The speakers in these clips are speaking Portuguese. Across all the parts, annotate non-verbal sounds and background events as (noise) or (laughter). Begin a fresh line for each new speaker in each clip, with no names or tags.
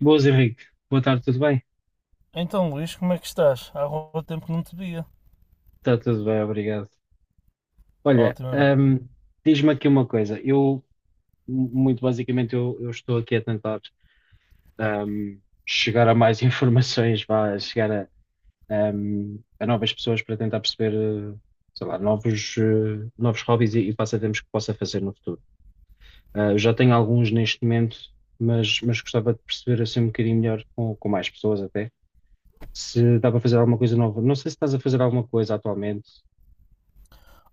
Boas, Henrique. Boa tarde, tudo bem?
Então, Luís, como é que estás? Há algum tempo que não te via.
Está tudo bem, obrigado. Olha,
Ótimamente.
diz-me aqui uma coisa. Muito basicamente, eu estou aqui a tentar ahm, chegar a mais (laughs) informações, vá, chegar a novas pessoas para tentar perceber, eh, sei lá, novos hobbies e passatempos que possa fazer no futuro. Ah, eu já tenho alguns neste momento, mas gostava de perceber assim um bocadinho melhor com mais pessoas até, se dá para fazer alguma coisa nova. Não sei se estás a fazer alguma coisa atualmente.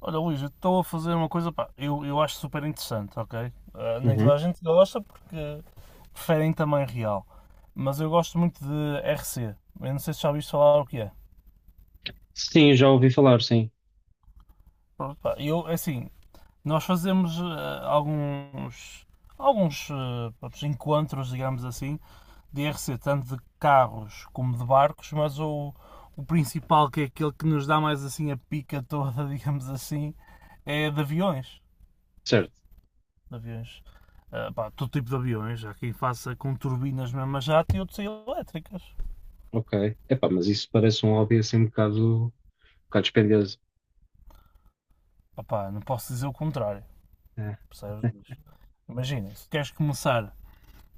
Olha, Luís, eu estou a fazer uma coisa, pá, eu acho super interessante, ok? Ah, nem toda a gente gosta porque preferem tamanho real. Mas eu gosto muito de RC. Eu não sei se já ouviste falar o que é.
Sim, já ouvi falar, sim.
Pronto, pá, é assim. Nós fazemos alguns, pronto, encontros, digamos assim, de RC, tanto de carros como de barcos, mas o principal, que é aquele que nos dá mais assim a pica toda, (laughs) digamos assim, é de aviões.
Certo,
De aviões. Ah, pá, todo tipo de aviões, há quem faça com turbinas mesmo a jato e outros elétricas.
ok. Epá, mas isso parece um hobby assim um bocado dispendioso.
Ah, pá, não posso dizer o contrário,
É.
percebes? Imagina, se queres começar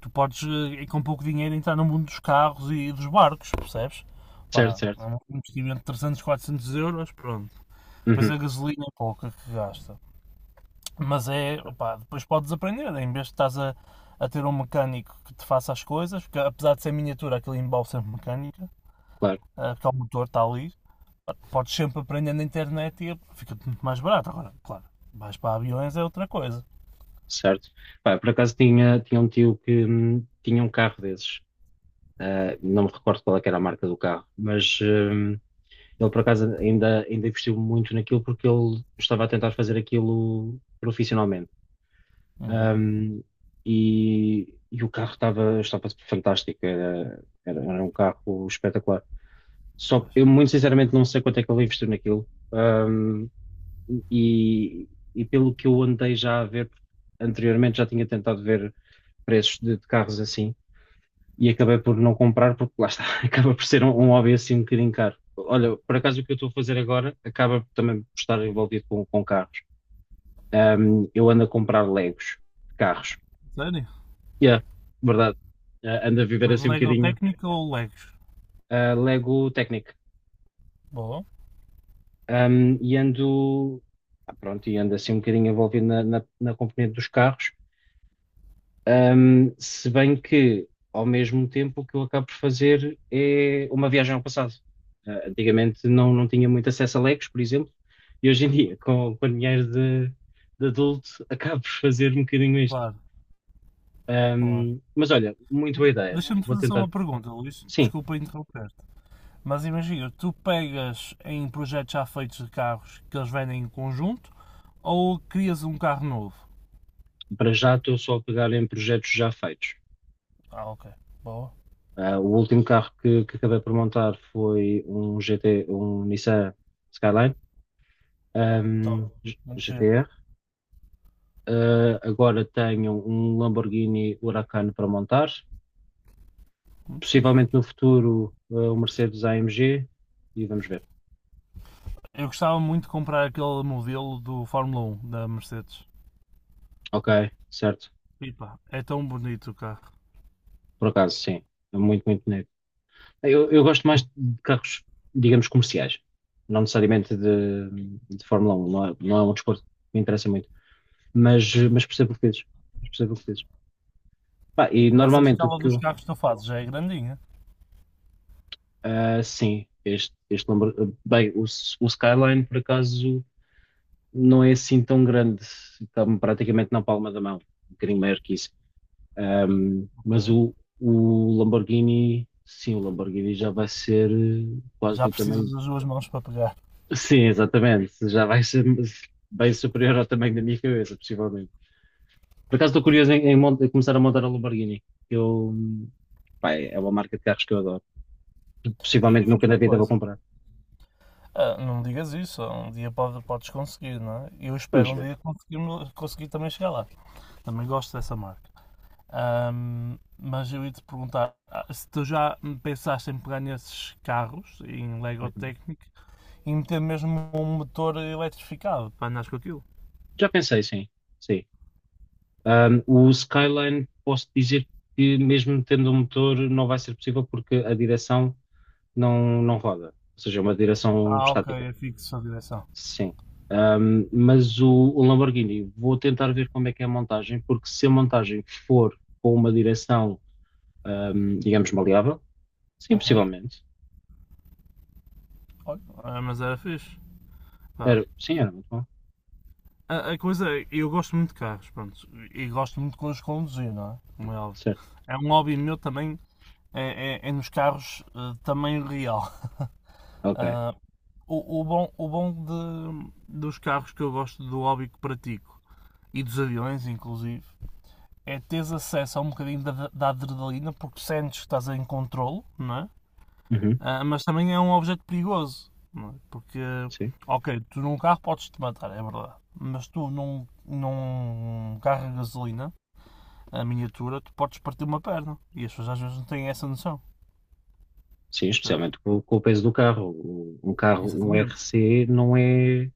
tu podes, com pouco dinheiro, entrar no mundo dos carros e dos barcos, percebes?
Certo,
Pá,
certo.
é um investimento de 300, 400 euros, pronto. Depois
Uhum,
a gasolina é pouca que gasta. Mas é,
ok,
pá, depois podes aprender, em vez de estás a ter um mecânico que te faça as coisas, porque apesar de ser miniatura, aquilo envolve sempre mecânica,
claro,
ah, porque o motor está ali, podes sempre aprender na internet e fica-te muito mais barato. Agora, claro, vais para aviões é outra coisa.
certo. Pá, por acaso tinha um tio que tinha um carro desses. Ah, não me recordo qual é que era a marca do carro, mas ele por acaso ainda investiu muito naquilo porque ele estava a tentar fazer aquilo profissionalmente.
Uhum.
Hum, e o carro estava fantástico, era um carro espetacular. Só que
Pois,
eu, muito sinceramente, não sei quanto é que ele investiu naquilo. E, e pelo que eu andei já a ver, anteriormente já tinha tentado ver preços de carros assim e acabei por não comprar, porque lá está, (laughs) acaba por ser um hobby assim um bocadinho caro.
claro.
Olha, por acaso o que eu estou a fazer agora acaba também por estar envolvido com carros. Eu ando a comprar Legos de carros.
Sério?
Yeah, verdade. Ah, ando a viver
Mas
assim um
Lego
bocadinho.
técnico ou Legos?
Ah, Lego Technic.
Bom.
Um, e pronto, e ando assim um bocadinho envolvido na componente dos carros. Um, se bem que ao mesmo tempo o que eu acabo por fazer é uma viagem ao passado. Ah, antigamente não tinha muito acesso a Legos, por exemplo, e hoje em dia, (laughs) com, com dinheiro de adulto, (laughs) acabo por fazer um bocadinho isto.
Claro, claro.
Um, mas olha, muito boa ideia,
Deixa-me
vou
fazer só
tentar.
uma pergunta, Luís.
Sim,
Desculpa interromper-te. Mas imagina, tu pegas em projetos já feitos de carros que eles vendem em conjunto ou crias um carro novo?
para já estou só a pegar em projetos já feitos.
Ah, ok. Boa.
Ah, o último carro que acabei por montar foi um GT, um Nissan Skyline,
Top. Muito giro.
GTR. Ah, agora tenho um Lamborghini Huracan para montar.
Muito fixe.
Possivelmente no futuro, ah, um Mercedes AMG e vamos ver.
Eu gostava muito de comprar aquele modelo do Fórmula 1 da Mercedes.
Ok, certo.
Pipa, é tão bonito o carro.
Por acaso, sim. É muito, muito bonito. Eu gosto mais de carros, digamos, comerciais. Não necessariamente de Fórmula 1. Não é um desporto que me interessa muito. Mas
Uhum.
percebo o que dizes. Mas percebo o que dizes. Pá, e
Mas a
normalmente o
escala
que
dos
eu.
carros que tu fazes já é grandinha.
Ah, sim, este número. Bem, o Skyline, por acaso, não é assim tão grande. Está-me praticamente na palma da mão. Um bocadinho maior que isso. Ahm,
Ok.
mas o, o Lamborghini. Sim, o Lamborghini já vai ser quase
Já
do
precisas
tamanho.
das duas mãos para pegar.
Sim, exatamente. Já vai ser (laughs) bem superior ao tamanho da minha cabeça, possivelmente. Por acaso estou curioso em começar a montar a Lamborghini. Eu, pá, é uma marca de carros que eu adoro.
E
Possivelmente
diz-me
nunca na
uma
vida vou
coisa,
comprar.
ah, não digas isso, um dia podes conseguir, não é? Eu
Vamos
espero um
ver.
dia conseguir também chegar lá. Também gosto dessa marca. Mas eu ia te perguntar se tu já pensaste em pegar nesses carros, em Lego
Uhum.
Technic, e meter mesmo um motor eletrificado para andares com aquilo.
Já pensei, sim. Sim. O Skyline, posso dizer que, mesmo tendo um motor, não vai ser possível porque a direção não roda. Ou seja, é uma direção
Ah, ok,
estática.
é fixo a direção.
Sim. Mas o Lamborghini, vou tentar ver como é que é a montagem, porque se a montagem for com uma direção, digamos, maleável, sim,
Aham.
possivelmente.
Olha, mas era fixe. Pá,
Era, sim, era
e
muito bom.
a coisa é, eu gosto muito de carros, pronto, e gosto muito de os conduzir, não é? Como é óbvio.
Certo.
É um hobby meu também é, é nos carros tamanho real.
Ok.
Ah, o bom dos carros que eu gosto, do hobby que pratico, e dos aviões, inclusive, é teres acesso a um bocadinho da adrenalina, porque sentes que estás em controlo, não é?
Uhum.
Ah, mas também é um objeto perigoso, não é? Porque,
Sim.
ok, tu num carro podes-te matar, é verdade, mas tu num carro de gasolina, a miniatura, tu podes partir uma perna, e as pessoas às vezes não têm essa noção,
Sim,
percebes?
especialmente com o peso do carro. O- Um carro, um R
Exatamente.
C não é.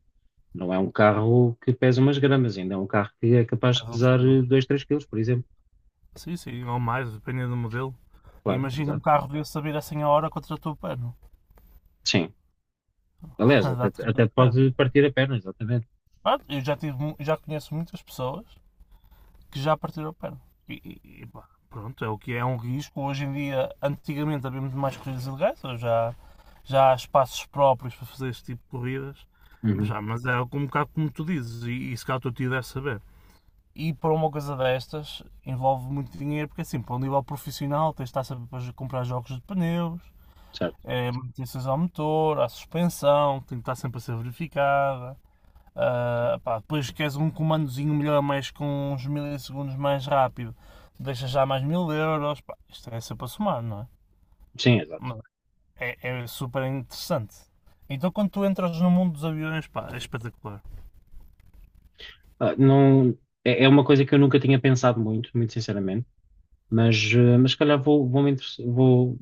Não é um carro que pesa umas gramas, ainda é um carro que é capaz de
Pesa uns
pesar
quilos.
2, 3 quilos, por exemplo.
Sim, sim, ou mais, dependendo do modelo.
Claro,
Imagina um
exato.
carro desse a vir a 100 a hora contra o teu pano.
Sim. Aliás,
(laughs) Dá-te cara
até
de pano.
pode partir a perna, exatamente.
Pronto, eu já, tive, mu- já conheço muitas pessoas que já partiram o pano. E pá, pronto, é o que é, é um risco. Hoje em dia, antigamente havia muito mais corridas ilegais, hoje já há espaços próprios para fazer este tipo de corridas. Mas,
Uhum,
já, mas é um bocado como tu dizes, e se calhar o teu tio deve saber. E para uma coisa destas envolve muito dinheiro, porque é assim, para um nível profissional tens de estar sempre a comprar jogos de pneus,
certo.
é manutenções ao motor, à suspensão, que tem que estar sempre a ser verificada. Ah, pá, depois queres um comandozinho melhor, mas com uns milissegundos mais rápido, deixas já mais mil euros. Pá, isto é sempre a somar, não é?
Sim, exato.
Mas é, é super interessante. Então quando tu entras no mundo dos aviões, pá, é espetacular.
Ah, não, é, é uma coisa que eu nunca tinha pensado muito, muito sinceramente, mas, eh, mas se calhar vou, vou, me interess- vou,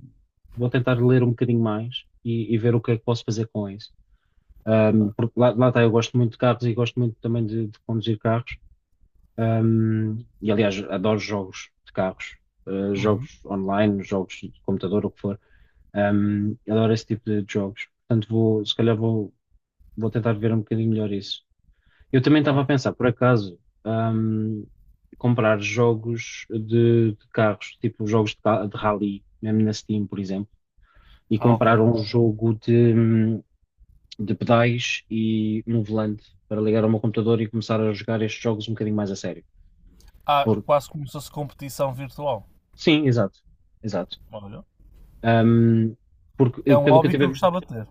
vou tentar ler um bocadinho mais e ver o que é que posso fazer com isso. Porque lá está, eu gosto muito de carros e gosto muito também de conduzir carros. Um, e aliás, adoro jogos de carros,
Uhum.
jogos online, jogos de computador, o que for. Um, adoro esse tipo de jogos. Portanto, vou, se calhar vou, vou tentar ver um bocadinho melhor isso. Eu também estava a
Pronto.
pensar, por acaso, um, comprar jogos de carros, tipo jogos de rally, mesmo na Steam, por exemplo, e
Ah,
comprar
ok.
um jogo de pedais e um volante para ligar ao meu computador e começar a jogar estes jogos um bocadinho mais a sério
Ah,
por.
quase como se fosse competição virtual.
Sim, exato, exato.
Olha.
Ahm, porque, eh,
É um
pelo que eu
hobby que
tive,
eu gostava de ter.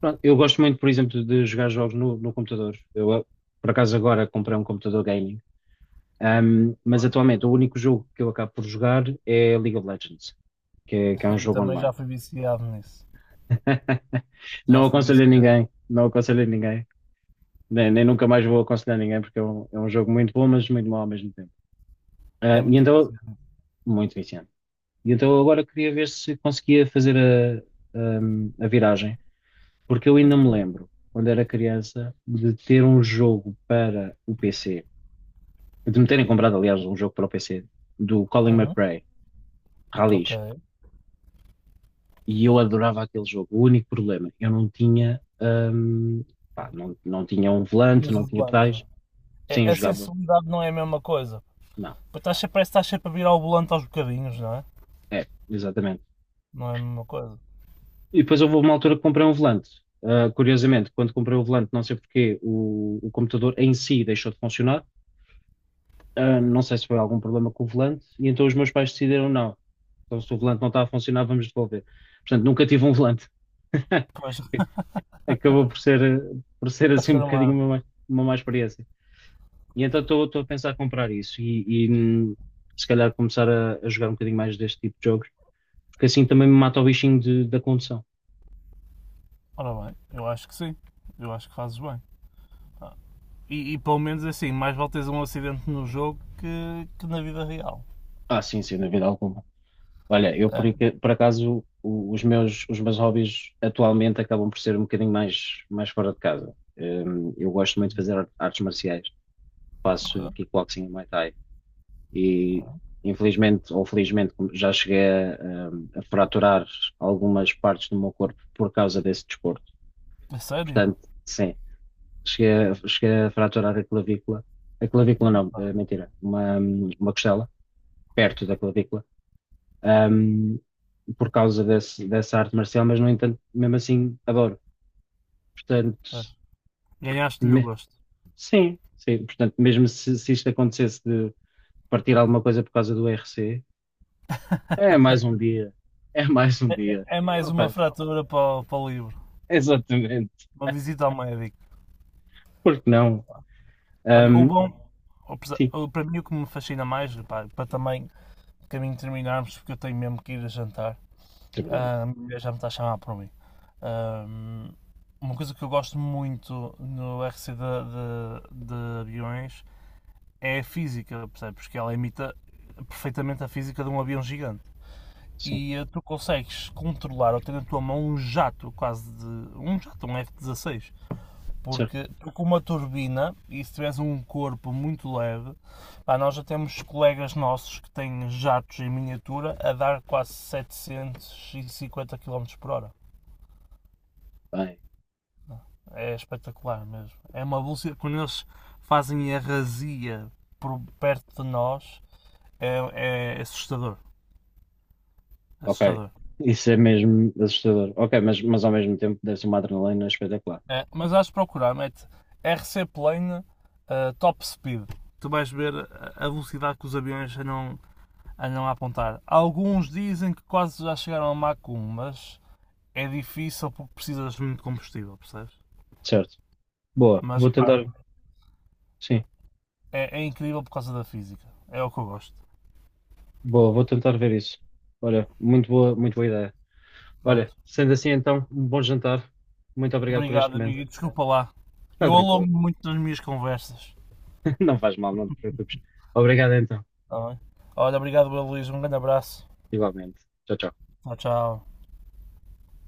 pronto, eu gosto muito, por exemplo, de jogar jogos no computador. Eu, eh, por acaso, agora comprei um computador gaming. Mas
(laughs)
atualmente o único jogo que eu acabo por jogar é League of Legends, que é um
Eu
jogo
também já
online.
fui viciado nisso.
(laughs)
Já
Não
fui
aconselho a
viciado.
ninguém, não aconselho a ninguém, nem, nem nunca mais vou aconselhar ninguém, porque é um jogo muito bom, mas muito mau ao mesmo tempo. Ah,
É
e
muito
então,
viciado.
muito viciante. E então agora queria ver se conseguia fazer a viragem. Porque eu ainda
Ok.
me lembro, quando era criança, de ter um jogo para o PC, de me terem comprado, aliás, um jogo para o PC, do Colin
Uhum.
McRae
Ok.
Rallies, e eu adorava aquele jogo. O único problema, eu não tinha, pá, não tinha um volante,
Dias
não
o
tinha
volante.
pedais, sim, eu
A
jogava,
sensibilidade não é a mesma coisa.
não,
Pois estás sempre, parece que estás sempre a virar o volante aos bocadinhos, não é?
é, exatamente.
Não é a mesma coisa.
E depois houve uma altura que comprei um volante. Ah, curiosamente, quando comprei o volante, não sei porquê, o computador em si deixou de funcionar. Ah, não sei se foi algum problema com o volante, e então os meus pais decidiram não. Então, se o volante não está a funcionar, vamos devolver. Portanto, nunca tive um volante. (laughs)
Pois, (laughs)
Acabou por ser, por ser
estás
assim um bocadinho
tramado.
uma má experiência. E então estou a pensar comprar isso hum, se calhar começar a jogar um bocadinho mais deste tipo de jogos, porque assim também me mata o bichinho de- da condução.
Ora bem, eu acho que sim. Eu acho que fazes bem. E pelo menos é assim, mais vale teres um acidente no jogo que na vida real.
Ah, sim, sem dúvida alguma. Olha, eu
É.
por acaso os meus hobbies atualmente acabam por ser um bocadinho mais fora de casa. Eu gosto muito de
Uhum.
fazer artes marciais, faço kickboxing e Muay Thai. E infelizmente ou felizmente já cheguei a, um, a fraturar algumas partes do meu corpo por causa desse desporto.
É sério?
Portanto, sim, cheguei a fraturar a clavícula. A clavícula
Ih,
não,
pá.
eh, mentira, uma costela perto da clavícula, um, por causa dessa arte marcial, mas no entanto, mesmo assim, adoro. Portanto,
Pois. Ganhaste-lhe o
me-
gosto.
sim, sim. Portanto, mesmo se isto acontecesse de partir alguma coisa por causa do RC, é mais um dia. É mais um
É, é-
dia.
é mais
Não
uma
faz mal.
fratura para o livro.
Exatamente.
Uma visita ao médico.
Por que não?
Olha, o
Ahm,
bom, o presa-
sim,
o- para mim o que me fascina mais, pá, para também de caminho terminarmos, porque eu tenho mesmo que ir a jantar,
sem problema.
ah, a minha mulher já me está a chamar por mim. Ahm, uma coisa que eu gosto muito no RC de aviões é a física, percebes? Porque ela imita perfeitamente a física de um avião gigante.
Sim,
E tu consegues controlar ou ter na tua mão um jato, quase de. Um jato, um F-16.
certo.
Porque tu com uma turbina, e se tiveres um corpo muito leve, pá, nós já temos colegas nossos que têm jatos em miniatura a dar quase 750 km por hora.
Bem,
É espetacular mesmo. É uma velocidade. Quando eles fazem a razia por perto de nós, é assustador.
ok.
Assustador.
Isso é mesmo assustador. Ok, mas ao mesmo tempo deve ser uma adrenalina espetacular.
É, mas vais procurar, mete RC Plane Top Speed. Tu vais ver a velocidade que os aviões andam a apontar. Alguns dizem que quase já chegaram a Mach 1, mas é difícil porque precisas muito de combustível, percebes?
Certo. Boa.
Mas
Vou
opá,
tentar. Sim,
é incrível por causa da física. É o que eu gosto.
boa. Vou tentar ver isso. Olha, muito boa ideia. Olha,
Pronto.
sendo assim então, um bom jantar. Muito obrigado por este
Obrigado,
momento.
amigo, e desculpa lá.
Está
Eu alongo
tranquilo.
muito nas minhas conversas.
(laughs) Não faz mal, não te preocupes. Obrigado então.
Tá bem? Olha, obrigado, Luís. Um grande abraço.
Igualmente. Tchau, tchau.
Tchau, tchau.